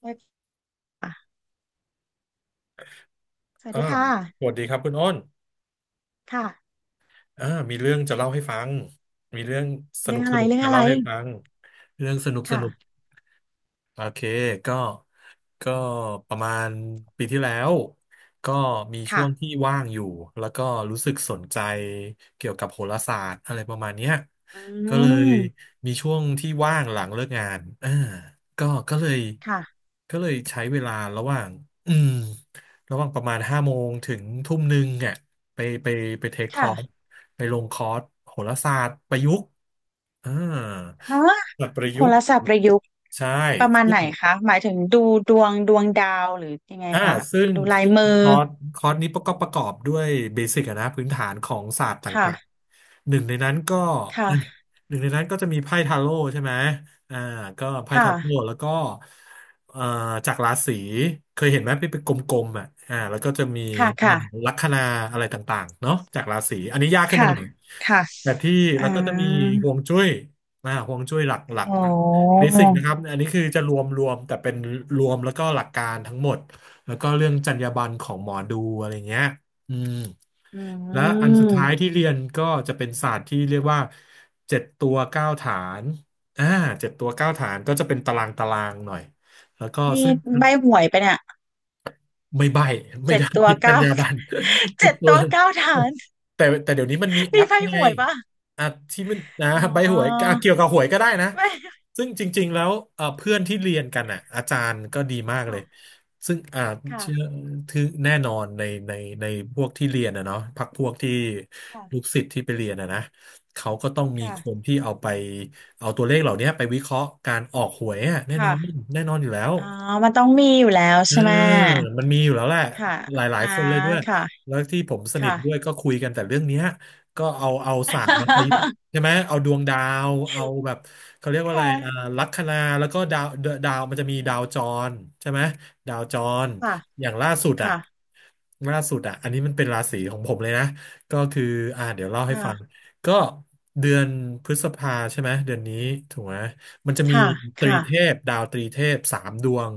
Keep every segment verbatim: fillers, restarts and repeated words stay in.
ได้ค่ะสวัสอ่าดีค่ะสวัสดีครับคุณอ้นค่ะอ่ามีเรื่องจะเล่าให้ฟัง มีเรื่องสเรื่นุองกอะสไรนุกเรื่องจะอะไร เล่าให้ฟัง เรื่องสนุกสนุก ค่ะ โอเคก็ก็ประมาณปีที่แล้ว ก็มีช่ค่ะวงที่ว่างอยู่ แล้วก็รู้สึกสนใจเกี่ยวกับโหราศาสตร์อะไรประมาณเนี้ยอืก็เลยมมีช่วงที่ว่างหลังเลิกงานอ่าก็ก็เลยค่ะก็เลยใช้เวลาระหว่างอืมระหว่างประมาณห้าโมงถึงทุ่มหนึ่งเนี่ยไปไปไปเทคคอร์สค่ะไปลงคอร์สโหราศาสตร์ประยุกต์อ่าฮะแบบประโหยุกต์ราศาสตร์ประยุกต์ใช่ ประมาณไหนคะ หมายถึงดูดวงดวงดาวหรือยังไงอ่าคะซึ่งดูลายซึ่งมือคอร์สคอร์สนี้ก็ประกอบด้วยเบสิกอะนะพื้นฐานของศาสตร์ต่างค่ะ ๆหนึ่งในนั้นก็ เออค่ะ หนึ่งในนั้นก็จะมีไพ่ทาโร่ใช่ไหมอ่าก็ไพ่ทาโร่ค่ะ แล้วก็เอ่อจากราศีเคยเห็นไหมที่เป็นกลมๆอ่ะอ่าแล้วก็จะมีค่ะเอ่อค่ะลัคนาอะไรต่างๆเนาะจากราศีอันนี้ยากขึ้นมาค่ะหน่อยค่ะแต่ที่อ่แล้วก็จะมีาฮวงจุ้ยอ่าฮวงจุ้ยหลักอ๋อๆนะเบสิกนะครับอันนี้คือจะรวมรวมแต่เป็นรวมแล้วก็หลักการทั้งหมด แล้วก็เรื่องจรรยาบรรณของหมอดูอะไรเงี้ยอืมอืและอันสุดท้ายที่มเรียนก็จะเป็นศาสตร์ที่เรียกว่าเจ็ดตัวเก้าฐานอ่าเจ็ดตัวเก้าฐานก็จะเป็นตารางตารางหน่อย แล้วก็นี่ซึ่ง ใบหวยไปะเนี่ยไม่ใบ้ไม่เจ็ดได้ตัวผิดจรรเก้า ยาบรรณ ผิเจ็ดดตัวตัวเก้าฐานแต่แต่เดี๋ยวนี้มันมีแอมีปใบหไงวยปะ อ่ะที่มันนะอ๋ใบหวยออ่ะเกี่ยวกับหวยก็ได้นะไม่ ซึ่งจริงๆแล้วเอ่อเพื่อนที่เรียนกันอ่ะอาจารย์ก็ดีมาก เลค่ะยซึ่งอ่าค่ะเชื่อถือแน่นอนในในในพวกที่เรียนนะเนาะพรรคพวกที่ลูกค่ะศิษย์ที่ไปเรียนนะนะเขาก็ต้องมีค่ะคนที่เอาไปเอาตัวเลขเหล่านี้ไปวิเคราะห์การออกหวยอ่ะแน่นอนค่ะแน่นอนอยู่แล้ว อ๋อมันต้องมีอยู่แล้วเออใช่ไหมมันมีอยู่แล้วแหละค่ะหลายอ่าๆคนเลยด้วยค่ะแล้วที่ผมสนิทด้วยค่ะก็คุยกันแต่เรื่องเนี้ยก็เอาเอาศาสตร์มาประยุกต์ใช่ไหมเอาดวงดาวเอาแบบเขาเรียกว่าคอะไรอ่า่ะลัคนาแล้วก็ดาวดาวมันจะมีดาวจอรใช่ไหมดาวจรค่ะอย่างล่าสุดอ่ะค่ะล่าสุดอ่ะอันนี้มันเป็นราศีของผมเลยนะก็คืออ่าเดี๋ยวเล่าให้ค่ะฟังก็เดือนพฤษภาใช่ไหมเดือนนี้ถูกไหม มันจะมีค่ะตรีค่ะเทพดาวตรีเทพสามดวง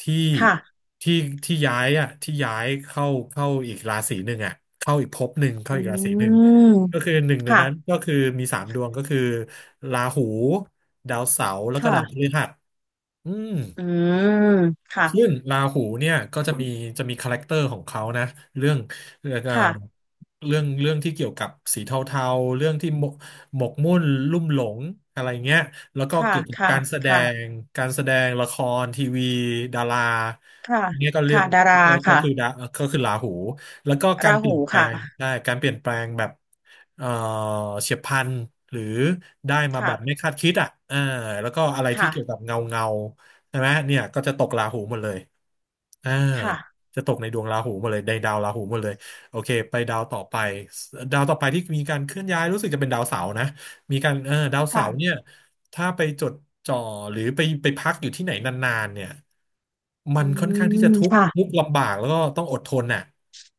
ที่ค่ะที่ที่ย้ายอ่ะที่ย้ายเข้าเข้าอีกราศีหนึ่งอ่ะเข้าอีกภพหนึ่งเข้าอือีกราศีหนึ่งมก็คือหนึ่งในค่ะนั้นก็คือมีสามดวงก็คือราหูดาวเสาร์แล้วก็ดาวพค่ะฤหัสอืม อืมซึ่ค่ะงราหูเนี่ยก็จะมีจะมีคาแรคเตอร์ของเขานะเรื่องเรื่องเอ่อค่ะเรื่องเรื่องที่เกี่ยวกับสีเทาๆเรื่องที่หมกหมกมุ่นลุ่มหลงอะไรเงี้ยแล้วก็ค่ะเกี่ยวกับค่ะการแสดงค่ะการแสดงละครทีวีดาราค่ะเนี่ยก็เรียค่ะกดาราก็คือค่ะดาก็คือราหูแล้วก็การราเปลี่หูยนแปลค่ะงได้การเปลี่ยนแปลงแบบเอ่อเฉียบพลันหรือได้มาแบค่ะบไม่คาดคิดอ่ะอ่าแล้วก็อะไรที่ค่ะเกี่ยวกับเงาเงา ใช่ไหมเนี่ยก็จะตกราหูหมดเลยอ่าค่ะจะตกในดวงราหูหมดเลยในดาวราหูหมดเลยโอเคไปดาวต่อไปดาวต่อไปที่มีการเคลื่อนย้ายรู้สึกจะเป็นดาวเสาร์นะมีการเออดาวเสาร์ค่ะเนี่ยถ้าไปจดจ่อหรือไปไปพักอยู่ที่ไหนนานๆเนี่ยมัอืนค่อนข้างที่จะมทุกข์ค่ะทุกข์ลำบากแล้วก็ต้องอดทนน่ะ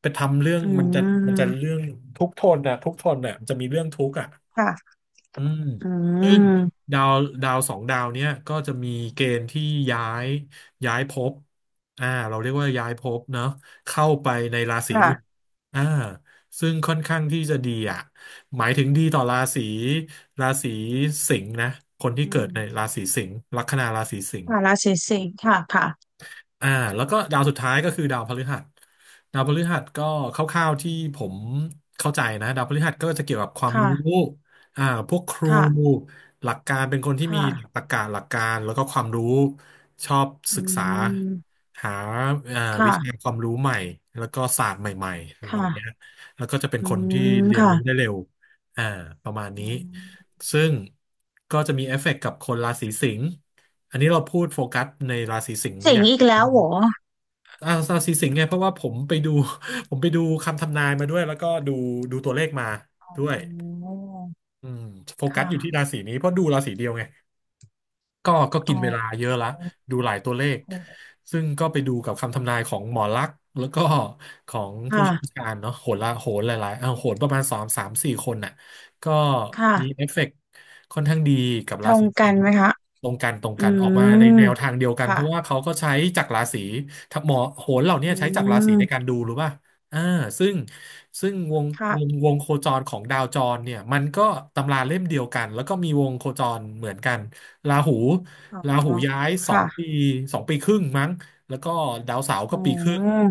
ไปทำเรื่องอืมันจะมันจะเรื่มองทุกข์ทนน่ะทุกข์ทนน่ะมันจะมีเรื่องทุกข์อ่ะ ค่ะ อืมอืซึ่งมดาวดาวสองดาวเนี้ยก็จะมีเกณฑ์ที่ย้ายย้ายภพอ่าเราเรียกว่าย้ายภพเนาะเข้าไปในราศีค่ะอื่นอ่าซึ่งค่อนข้างที่จะดีอ่ะหมายถึงดีต่อราศีราศีสิงห์นะคนที่อืเกิดมในราศีสิงห์ลัคนาราศีสิงห์ ค่ะราศีสิงค์ค่ะค่ะอ่าแล้วก็ดาวสุดท้ายก็คือดาวพฤหัสดาวพฤหัสก็คร่าวๆที่ผมเข้าใจนะดาวพฤหัสก็จะเกี่ยวกับความค่ะรู้อ่าพวกครูค่ะหลักการเป็นคนที่มีค่ะหลักตรรกะหลักการแล้วก็ความรู้ชอบอืศึกษามหาอ่าวิชาค่ะความรู้ใหม่แล้วก็ศาสตร์ใหม่ๆเหล่าค่ะนี้แล้วก็จะเป็นอืคนที่มเรียนรู้ได้ค่ะเร็วอ่าประมาณอืนี้มซึ่งก็จะมีเอฟเฟกต์กับคนราศีสิงห์อันนี้เราพูดโฟกัสในราศีสิงห์สิองย่าค์ง อีกอแล้วเหรออาเาสีสิงห์ไงเพราะว่าผมไปดู ผมไปดูคำทำนายมาด้วยแล้วก็ดูดูตัวเลขมาอ๋ด้วยออืมโฟกัสอยู่ที่ค่ะราศีนี้เพราะดูราศีเดียวไง ก็ก็อ๋กิอนเวลาเยอะละดูหลายตัวเลข ซึ่งก็ไปดูกับคำทำนายของหมอลักษณ์แล้วก็ของผู้ค่ะเชี่ยวชาญเนาะโหนละโหนหลายๆเอ้าโหนประมาณสามสามสี่คนน่ะก็ค่ะมีเอฟเฟกต์ค่อนข้างดีกับตรารงศีสิกันงห์ไหมคะตรงกันตรงกัอืน ออกมาในมแนวทางเดียวกัน เพค่ะราะว่าเขาก็ใช้จากราศีถ้าหมอโหนเหล่าอเนี้ยใช้จากราศีืในกามรดูรู้ป่ะอ่า ซึ่งซึ่งวงวงค่ะวงโคจรของดาวจรเนี่ยมันก็ตำราเล่มเดียวกันแล้วก็มีวงโคจรเหมือนกัน ราหูอ๋อราหูย้ายสองปีค่ะสองปีครึ่งมั้งแล้วก็ดาวเสาร์ก็อ๋ปีครึ่ง อ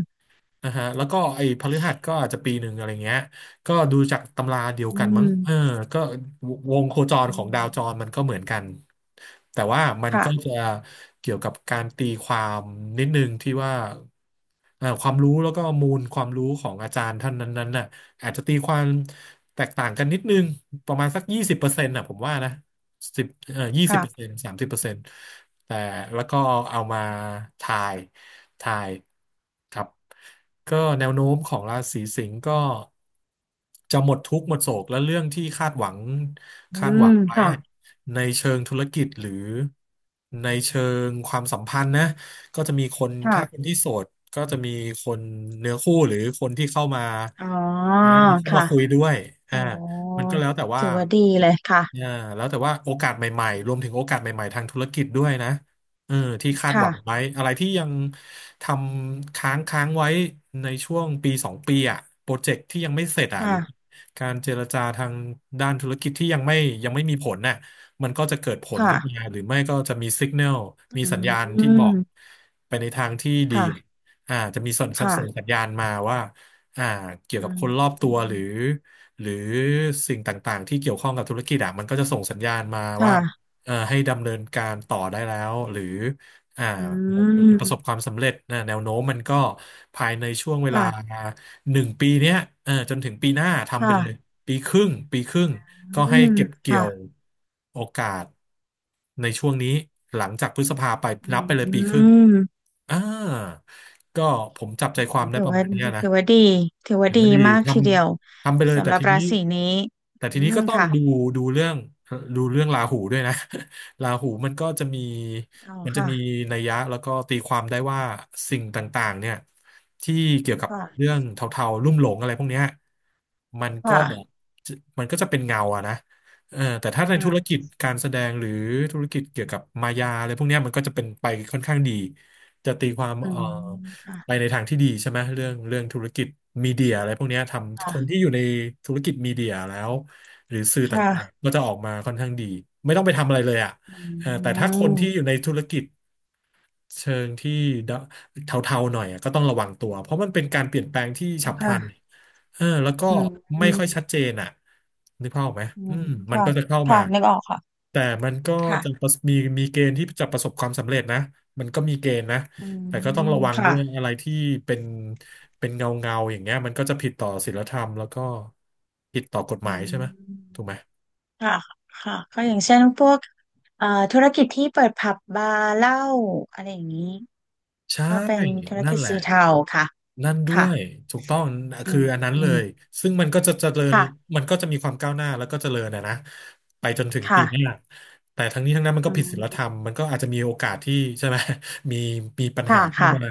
นะฮะแล้วก็ไอ้พฤหัสก็อาจจะปีหนึ่งอะไรเงี้ยก็ดูจากตำราเดียวอืกันมั้งเออมก็วงโคจรอืของมดาวจรมันก็เหมือนกันแต่ว่ามันก็ค่ะจะเกี่ยวกับการตีความนิดนึงที่ว่าเอ่อความรู้แล้วก็มูลความรู้ของอาจารย์ท่านนั้นๆน่ะอาจจะตีความแตกต่างกันนิดนึงประมาณสักยี่สิบเปอร์เซ็นต์น่ะผมว่านะสิบเอ่อยี่สิบค่ะเปอร์เซ็นต์สามสิบเปอร์เซ็นต์แต่แล้วก็เอามาทาย ทายครับก็แนวโน้มของราศีสิงห์ก็จะหมดทุกข์หมดโศกและเรื่องที่คาดหวังอืคาดหมวังไว้ค่ะในเชิงธุรกิจหรือในเชิงความสัมพันธ์นะก็จะมีคนค่ะถ้าคนที่โสดก็จะมีคนเนื้อคู่หรือคนที่เข้ามาอ๋อนะเข้ามาค่ะ คุยด้วยอ๋อ่าอมันก็แล้วแต่ว่า ถือว่าดีเลยค่ะอ่าแล้วแต่ว่าโอกาสใหม่ๆรวมถึงโอกาสใหม่ๆทางธุรกิจด้วยนะเออที่คาดหค่ะวังไว้อะไรที่ยังทำค้างค้างไว้ในช่วงปีสองปีอ่ะโปรเจกต์ที่ยังไม่เสร็จอ่ะหค่ะรือการเจรจาทางด้านธุรกิจที่ยังไม่ยังไม่มีผลน่ะมันก็จะเกิดผลขึ้นมาค่ะหรือไม่ก็จะมีสัญญาณมีอืสัญญาณที่บอกมไปในทางที่ดีค่ะอ่าจะมีส่งส่งค่ะสัญญาณมาว่าอ่าเกี่ยวอืกับคนรอบมตัวหรือ หรือสิ่งต่างๆที่เกี่ยวข้องกับธุรกิจอะมันก็จะส่งสัญญาณมาว่าค่ะเอ่อให้ดำเนินการต่อได้แล้วหรืออ่าอืประสบคมวามสำเร็จนะแนวโน้มมันก็ภายในช่วงเวลาค่ะหนึ่งปีเนี้ยเออจนถึงปีหน้าทำไปค่ะเลยปีครึ่งปีครึ่งก็อืให้มเก็บเกี่ยค่ะวโอกาสในช่วงนี้หลังจากพฤษภาไปอืนับไปเลยปีครึ่งมอ่าก็ผมจับใจความได้ถือประว่ามาณเนี้ยนะ ถือว่าดีถือว่าถือดีว่าดีมากททีเดียวำทำไปเลยสำแต่หรับทีรานี้ศีนี้แต่อืทีนี้มก็ต้องค่ะดูดูเรื่องดูเรื่องราหูด้วยนะ ราหูมันก็จะมีอ๋อมันจะค่ะมีนัยยะแล้วก็ตีความได้ว่าสิ่งต่างๆเนี่ยที่เกี่ยวกับเรื่ค่ะองเทาๆลุ่มหลงอะไรพวกเนี้ยมันก็ค่ะจะมันก็จะเป็นเงาอะนะเออแต่ถ้าในอืธุมรกิจการแสดงหรือธุรกิจเกี่ยวกับมายาอะไรพวกเนี้ยมันก็จะเป็นไปค่อนข้างดีจะตีความอืเอ่อ มไปค่ะในทางที่ดีใช่ไหมเรื่องเรื่องธุรกิจมีเดียอะไรพวกเนี้ยทำคค่ะนที่อยู่ในธุรกิจมีเดียแล้วหรือสื่อต่างค่ะๆก็จะออกมาค่อนข้างดีไม่ต้องไปทำอะไรเลยอ่ะอืเออแต่ถ้าคนที่อยู่มในธุรกิจ เชิงที่ดะเทาๆหน่อยอะก็ต้องระวังตัวเพราะมันเป็นการเปลี่ยนแปลงที่ฉับพลันค่ะเออแล้วก็อืม ไม่ค่อยชัดเจนอ่ะนึกภาพออกไหมอือืมมมันค่ะก็จะเข้าค่ะมานึกออกค่ะแต่มันก็ค่ะจะประสมีมีเกณฑ์ที่จะประสบความสำเร็จนะมันก็มีเกณฑ์นะอืแต่ก็ต้องมระวังด้ค่ะวยอะไรที่เป็นเป็นเงาเงาอย่างเงี้ยมันก็จะผิดต่อศีลธรรมแล้วก็ผิดต่อกฎหอืมายใช่ไหมถูมกไหมค่ะค่ะก็อย่างเช่นพวกเอ่อธุรกิจที่เปิดผับบาร์เหล้าอะไรอย่างนี้ใช่ก็เป็นธุรนั่นกิจแหละ สีเทาค่ะ นั่นด้วค่ะยถูกต้องอืคืออันนั้นเลมยซึ่งมันก็จะเจริญค่ะมันก็จะมีความก้าวหน้าแล้วก็เจริญนะนะไปจนถึงปีหน้าค่ะแต่ทั้งนี้ทั้งนั้นมันก็อืผิดศีลธรมรมมันก็อาจจะมีโอกาสที่ใช่ไหม มีมีปัญหาค่ะเข้าค่ะมา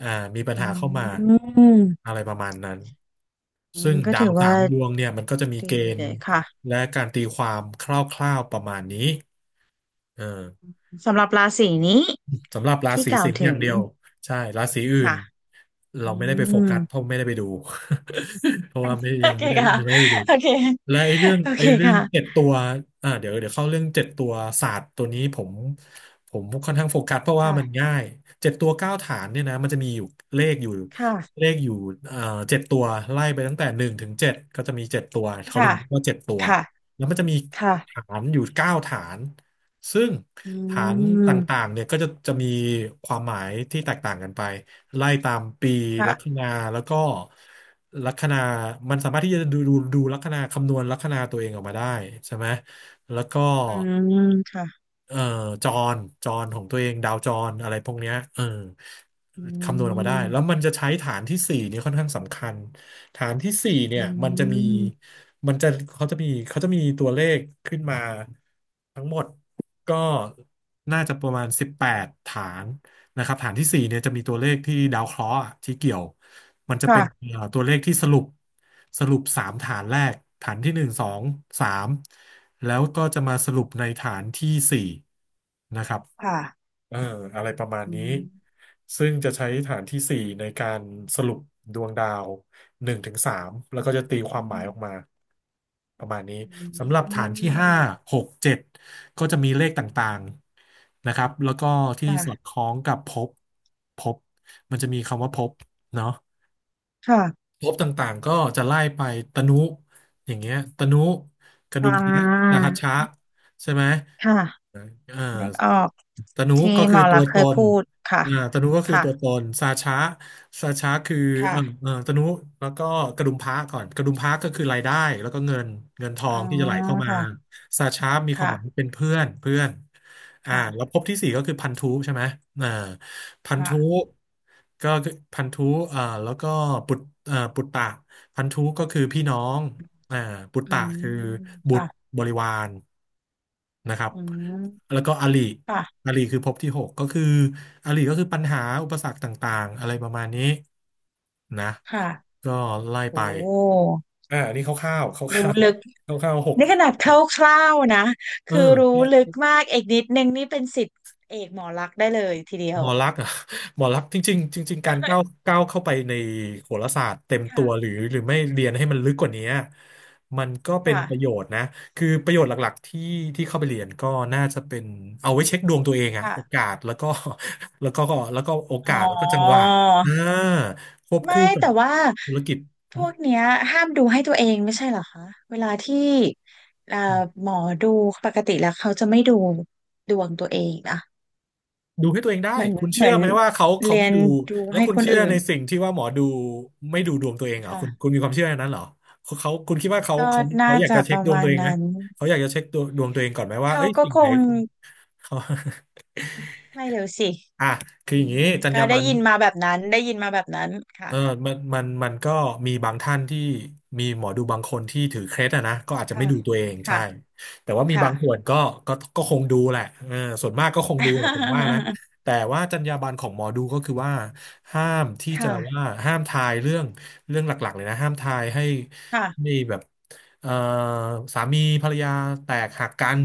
อ่ามีปัญอืหาเข้ามามอะไรประมาณนั้นอืซึ่มงก็ดาถืวอสาว่ามดวงเนี่ยมันก็จะมีเกดีณเลฑ์ยค่ะและการตีความคร่าวๆประมาณนี้เออ สำหรับราศีนี้สำหรับราที่ศีกล่าสิวงห์อถึย่างงเดียวใช่ราศีอื่ค่ะนเราอืไม่ได้ไปโฟม กัสเพราะไม่ได้ไปดู เพราะว่าไม่โอยังเคไม่ได้ค่ะยังไม่ได้ไปดูโอเค และไอ้เรื่องโอเคไอ้เรื่องเจ็ดค่ะตัวอ่าเดี๋ยวเดี๋ยวเข้าเรื่องเจ็ดตัวศาสตร์ตัวนี้ผมผมค่อนข้างโฟกัสเพราะว่ามันค่ะง่ายเจ็ดตัวเก้าฐานเนี่ยนะมันจะมีอยู่เลขอยู่ค่ะเลขอยู่เอ่อเจ็ดตัวไล่ไปตั้งแต่หนึ่งถึงเจ็ดก็จะมีเจ็ดตัวเขาถึค่ะงเรียกว่าเจ็ดตัวค่ะแล้วมันจะมีค่ะฐานอยู่เก้าฐาน ซึ่งอืฐานต่างมๆเนี่ยก็จะจะมีความหมายที่แตกต่างกันไปไล่ตามปีค่ะลัคนาแล้วก็ลัคนามันสามารถที่จะดูดูดูลัคนาคำนวณลัคนาตัวเองออกมาได้ใช่ไหมแล้วก็อืมค่ะเอ่อจรจรของตัวเองดาวจรอะไรพวกเนี้ยเอออืคำนวณออกมาได้แล้วมมันจะใช้ฐานที่สี่นี่ค่อนข้างสำคัญฐานที่สี่เนี่อืยมันจะมีมมันจะเขาจะมีเขาจะมีตัวเลขขึ้นมาทั้งหมด ก็น่าจะประมาณ สิบแปด ฐานนะครับ ฐานที่ สี่ เนี่ยจะมีตัวเลขที่ดาวเคราะห์อะที่เกี่ยว มันจะเป็นค่ะเอ่อตัวเลขที่สรุปสรุป สาม ฐานแรกฐานที่ หนึ่ง สอง สาม แล้วก็จะมาสรุปในฐานที่ สี่ นะครับ ค่ะเอออะไรประมาณอืนี้มซึ่งจะใช้ฐานที่สี่ในการสรุปดวงดาวหนึ่งถึงสามแล้วก็จะตีคอืวามหมายมออกมาประมาณนี้อืสำหรับฐานที่ห้ามหกเจ็ดก็จะมีเลขต่างๆนะครับแล้วก็ที่สค่ะอดคล้องกับภพภพมันจะมีคำว่าภพเนาะค่ะภพต่างๆก็จะไล่ไปตนุอย่างเงี้ยตนุกระอ่ดุมพระราหัสชะใช่ไหมค่ะเออ นึกออกตนุที่ก็หคืมออตัลัวกษณ์เคตยนพูดค่ะอ่าตนุก็คือค่ะตัวตนสาชะสาชะคือเอ่ค่ะอเอ่อตนุแล้วก็กระดุมพระก่อนกระดุมพระก็คือรายได้ แล้วก็เงินเงินทออ๋องที่จะไหลเข้ามาค่ะสาชะมีความหมายว่าค่ะเป็นเพื่อนเพื่อนอ่าค่ะแล้วภพที่สี่ก็คือพันธุใช่ไหมอ่าพันธุค่ะก็คือพันธุอ่าแล้วก็ปุตอ่าปุตตะพันธุก็คือพี่น้อง อ่าปุตอืตะมคือบุตรค่ะบริวารนะครับอืมแล้วก็อริอค่ะ ริคือภพที่หกก็คืออริก็คือปัญหาอุปสรรคต่างๆอะไรประมาณนี้นะค่ะ ก็ไล่โอ้ ไปอ่าอันนี่คร่าวๆครู้ร่าวลึกๆคร่าวๆหกนี่ขนาดคร่าวๆนะ เอคือรู้ลึอ กมากเอกนิดนึงนี่เป็นศิษย์เอกหมอลักษณ์ได้เลยทีเดียหมวอลักษณ์อะ หมอลักษณ์จริงๆจริงๆการก้าวก้าวเข้าไปในโหราศาสตร์เต็มตัวหรืค่ะอหรือไม่เรียนให้มันลึกกว่านี้มันก็เป็นประโยค่ะ ชน์นะคือประโยชน์หลักๆที่ที่เข้าไปเรียนก็น่าจะเป็นเอาไว้เช็คดวงตัวเองอะโอค่ะ กาสแล้วก็ แล้วก็แล้วก็โออ๋กาสแล้วก็จังหวะอ อ่าควบไม่คู่กับแต่ว่าธุรกิจ พวกเนี้ยห้ามดูให้ตัวเองไม่ใช่เหรอคะ เวลาที่เอ่อหมอดูปกติแล้วเขาจะไม่ดูดวงตัวเองนะดูให้ตัวเองได้เหมือนคุณเหเชื่มืออนไหมว่าเขาเขาเรีไม่ยนดูดูแล้วให้คุณคนเชื่ออื่ในนสิ่งที่ว่าหมอดูไม่ดูดวงตัวเองเหรอคุณคุค่ะณมีความเชื่ออย่างนั้นเหรอเขาเขาคุณคิดว่าเขาก็เขาน่าเขาอยากจะจะปเช็คระดวงมาตัณวเองไหมนั้น เขาอยากจะเช็คตัวดวงตัวเองก่อนไหมว่าเขาเอ้ยก็สิ่งคไหนง เขา ไม่เร็วสิ อ่ะคือออืย่างนี้มจรรก็ยาบรได้รณ ยินมาแบบนั้นได้ยินมาแบบนั้นเอค่ะอมันมันมันก็มีบางท่านที่มีหมอดูบางคนที่ถือเคล็ดอะนะก็อาจจะค่ะไม่ดูตัวเองใช่ค่ะแต่ว่ามีค่ะ บางส่วนก็ก็ก็คงดูแหละเออส่วนมากก็คงดูแหละผมว่านะ แต่ว่าจรรยาบรรณของหมอดูก็คือว่าห้ามที่คจะว่า่ะห้ามทายเรื่องเรื่องหลักๆเลยนะห้ามทายให้ค่ะไม่แบบเอ่อสามีภรรยาแตกหักกัน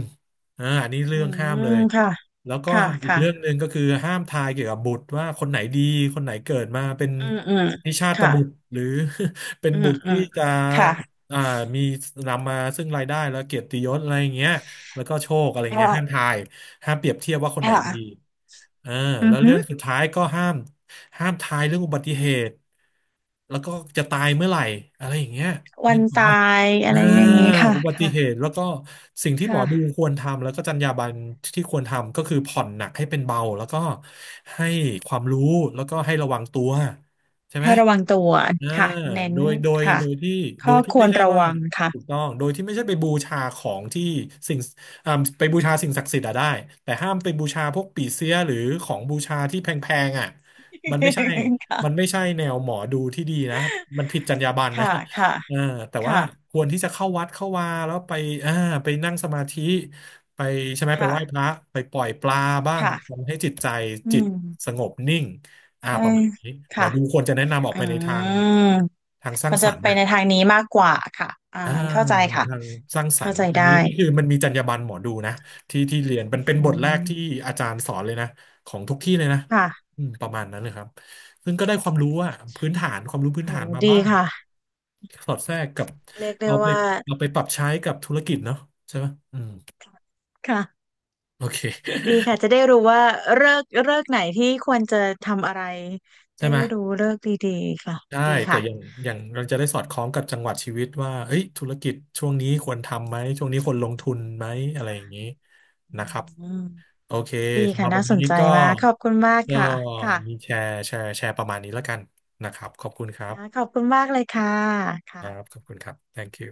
เอออันนี้เรื่อืองห้ามเลมยค่ะแล้วก็ค่ะอีกค่ะเรื่องหนึ่งก็คือห้ามทายเกี่ยวกับบุตรว่าคนไหนดีคนไหนเกิดมาเป็น อืมอืมนิชาตค่ะบุตรหรือ เป็นอืมบุตรอืที่มจะค่ะอ่ามีนำมาซึ่งรายได้แล้วเกียรติยศอะไรอย่างเงี้ยแล้วก็โชคอะไรเงี้ยค่ะห้ามทายห้ามเปรียบเทียบว่าคนไหนดี ค่ะอ่าอืแล้อวฮึเรื่องสุดท้ายก็ห้ามห้ามทายเรื่องอุบัติเหตุแล้วก็จะตายเมื่อไหร่อะไรอย่างเงี้ยวันึนกออกตาปะยอะอ่าไรอย่างงี้ค่ะอุบัติค่ะเหตุแล้วก็สิ่งที่หมอดูค่ะควรทำแล้วก็จรรยาบรรณที่ควรทำก็คือผ่อนหนักให้เป็นเบาแล้วก็ให้ความรู้แล้วก็ให้ระวังตัวใช่ไหมให้ระวังตัวอ่าค่ะเน้นโดยโดยค่ะโดยที่โดข้อยที่ควไม่รใช่ระว่าวังค่ะ ถูกต้องโดยที่ไม่ใช่ไปบูชาของที่สิ่ง อ่าไปบูชาสิ่งศักดิ์สิทธิ์อะได้แต่ห้ามไปบูชาพวกปี่เสียหรือของบูชาที่แพงๆอ่ะมันไม่ใช่ มันค่ะไม่ใช่แนวหมอดูที่ดีนะมันผิดจรรยาบรรณนะค่ะคเออแต่ว่า่ะควรที่จะเข้าวัดเข้าวาแล้วไปอ่าไปนั่งสมาธิไปใช่ไหมไปค่ะไหว้พค่ะระไปปล่อยปลาบ้างค่ะทำให้จิตใจอืจิตม สงบนิ่งอ่าเออประมาณนี้หมอค่ะดูควรจะแนะนำออกอืไปในทางมทางสคร้างวรสจะรรค์ไปนะ ในทางนี้มากกว่าค่ะอ่าอ่าเข้าใจในค่ะ ทางสร้างสรเข้ารค์ใจอันได้นี้นี่คือมันมีจรรยาบรรณหมอดูนะที่ที่เรียนมัอืนเป็นบทแรกที่มอาจารย์สอนเลยนะของทุกที่เลยนะค่ะอืมประมาณนั้นเลยครับซึ่งก็ได้ความรู้อะพื้นฐานความรู้พื้นโหฐานมาดีบ้างค่ะสอดแทรกกับเรียกได้เอาไปว่า เอาไปปรับใช้กับธุรกิจเนาะใช่ไหมอืมค่ะโอเค ดีค่ะ จะได้รู้ว่าเลิกเลิกไหนที่ควรจะทำอะไร ใช่ได้ไหมรู้เลิกดีๆค่ะได้ดีแต่ค่ะอย่างอย่างเราจะได้สอดคล้องกับจังหวะชีวิตว่าเอ้ยธุรกิจช่วงนี้ควรทำไหมช่วงนี้ชควรลงทุนมไหมอะไรอค่ะย่างนี้นะครับ อืมโอเคดีสำหค่ะรับน่าวันสนี้นใจก็มาก ขอบคุณมากก็ค่ะ ค่ะมีแชร์แชร์แชร์ประมาณนี้แล้วกันนะครับขอบคุณครัค่ะขบอบคุณมากเลยค่ะครับค่ะขอบคุณครับ thank you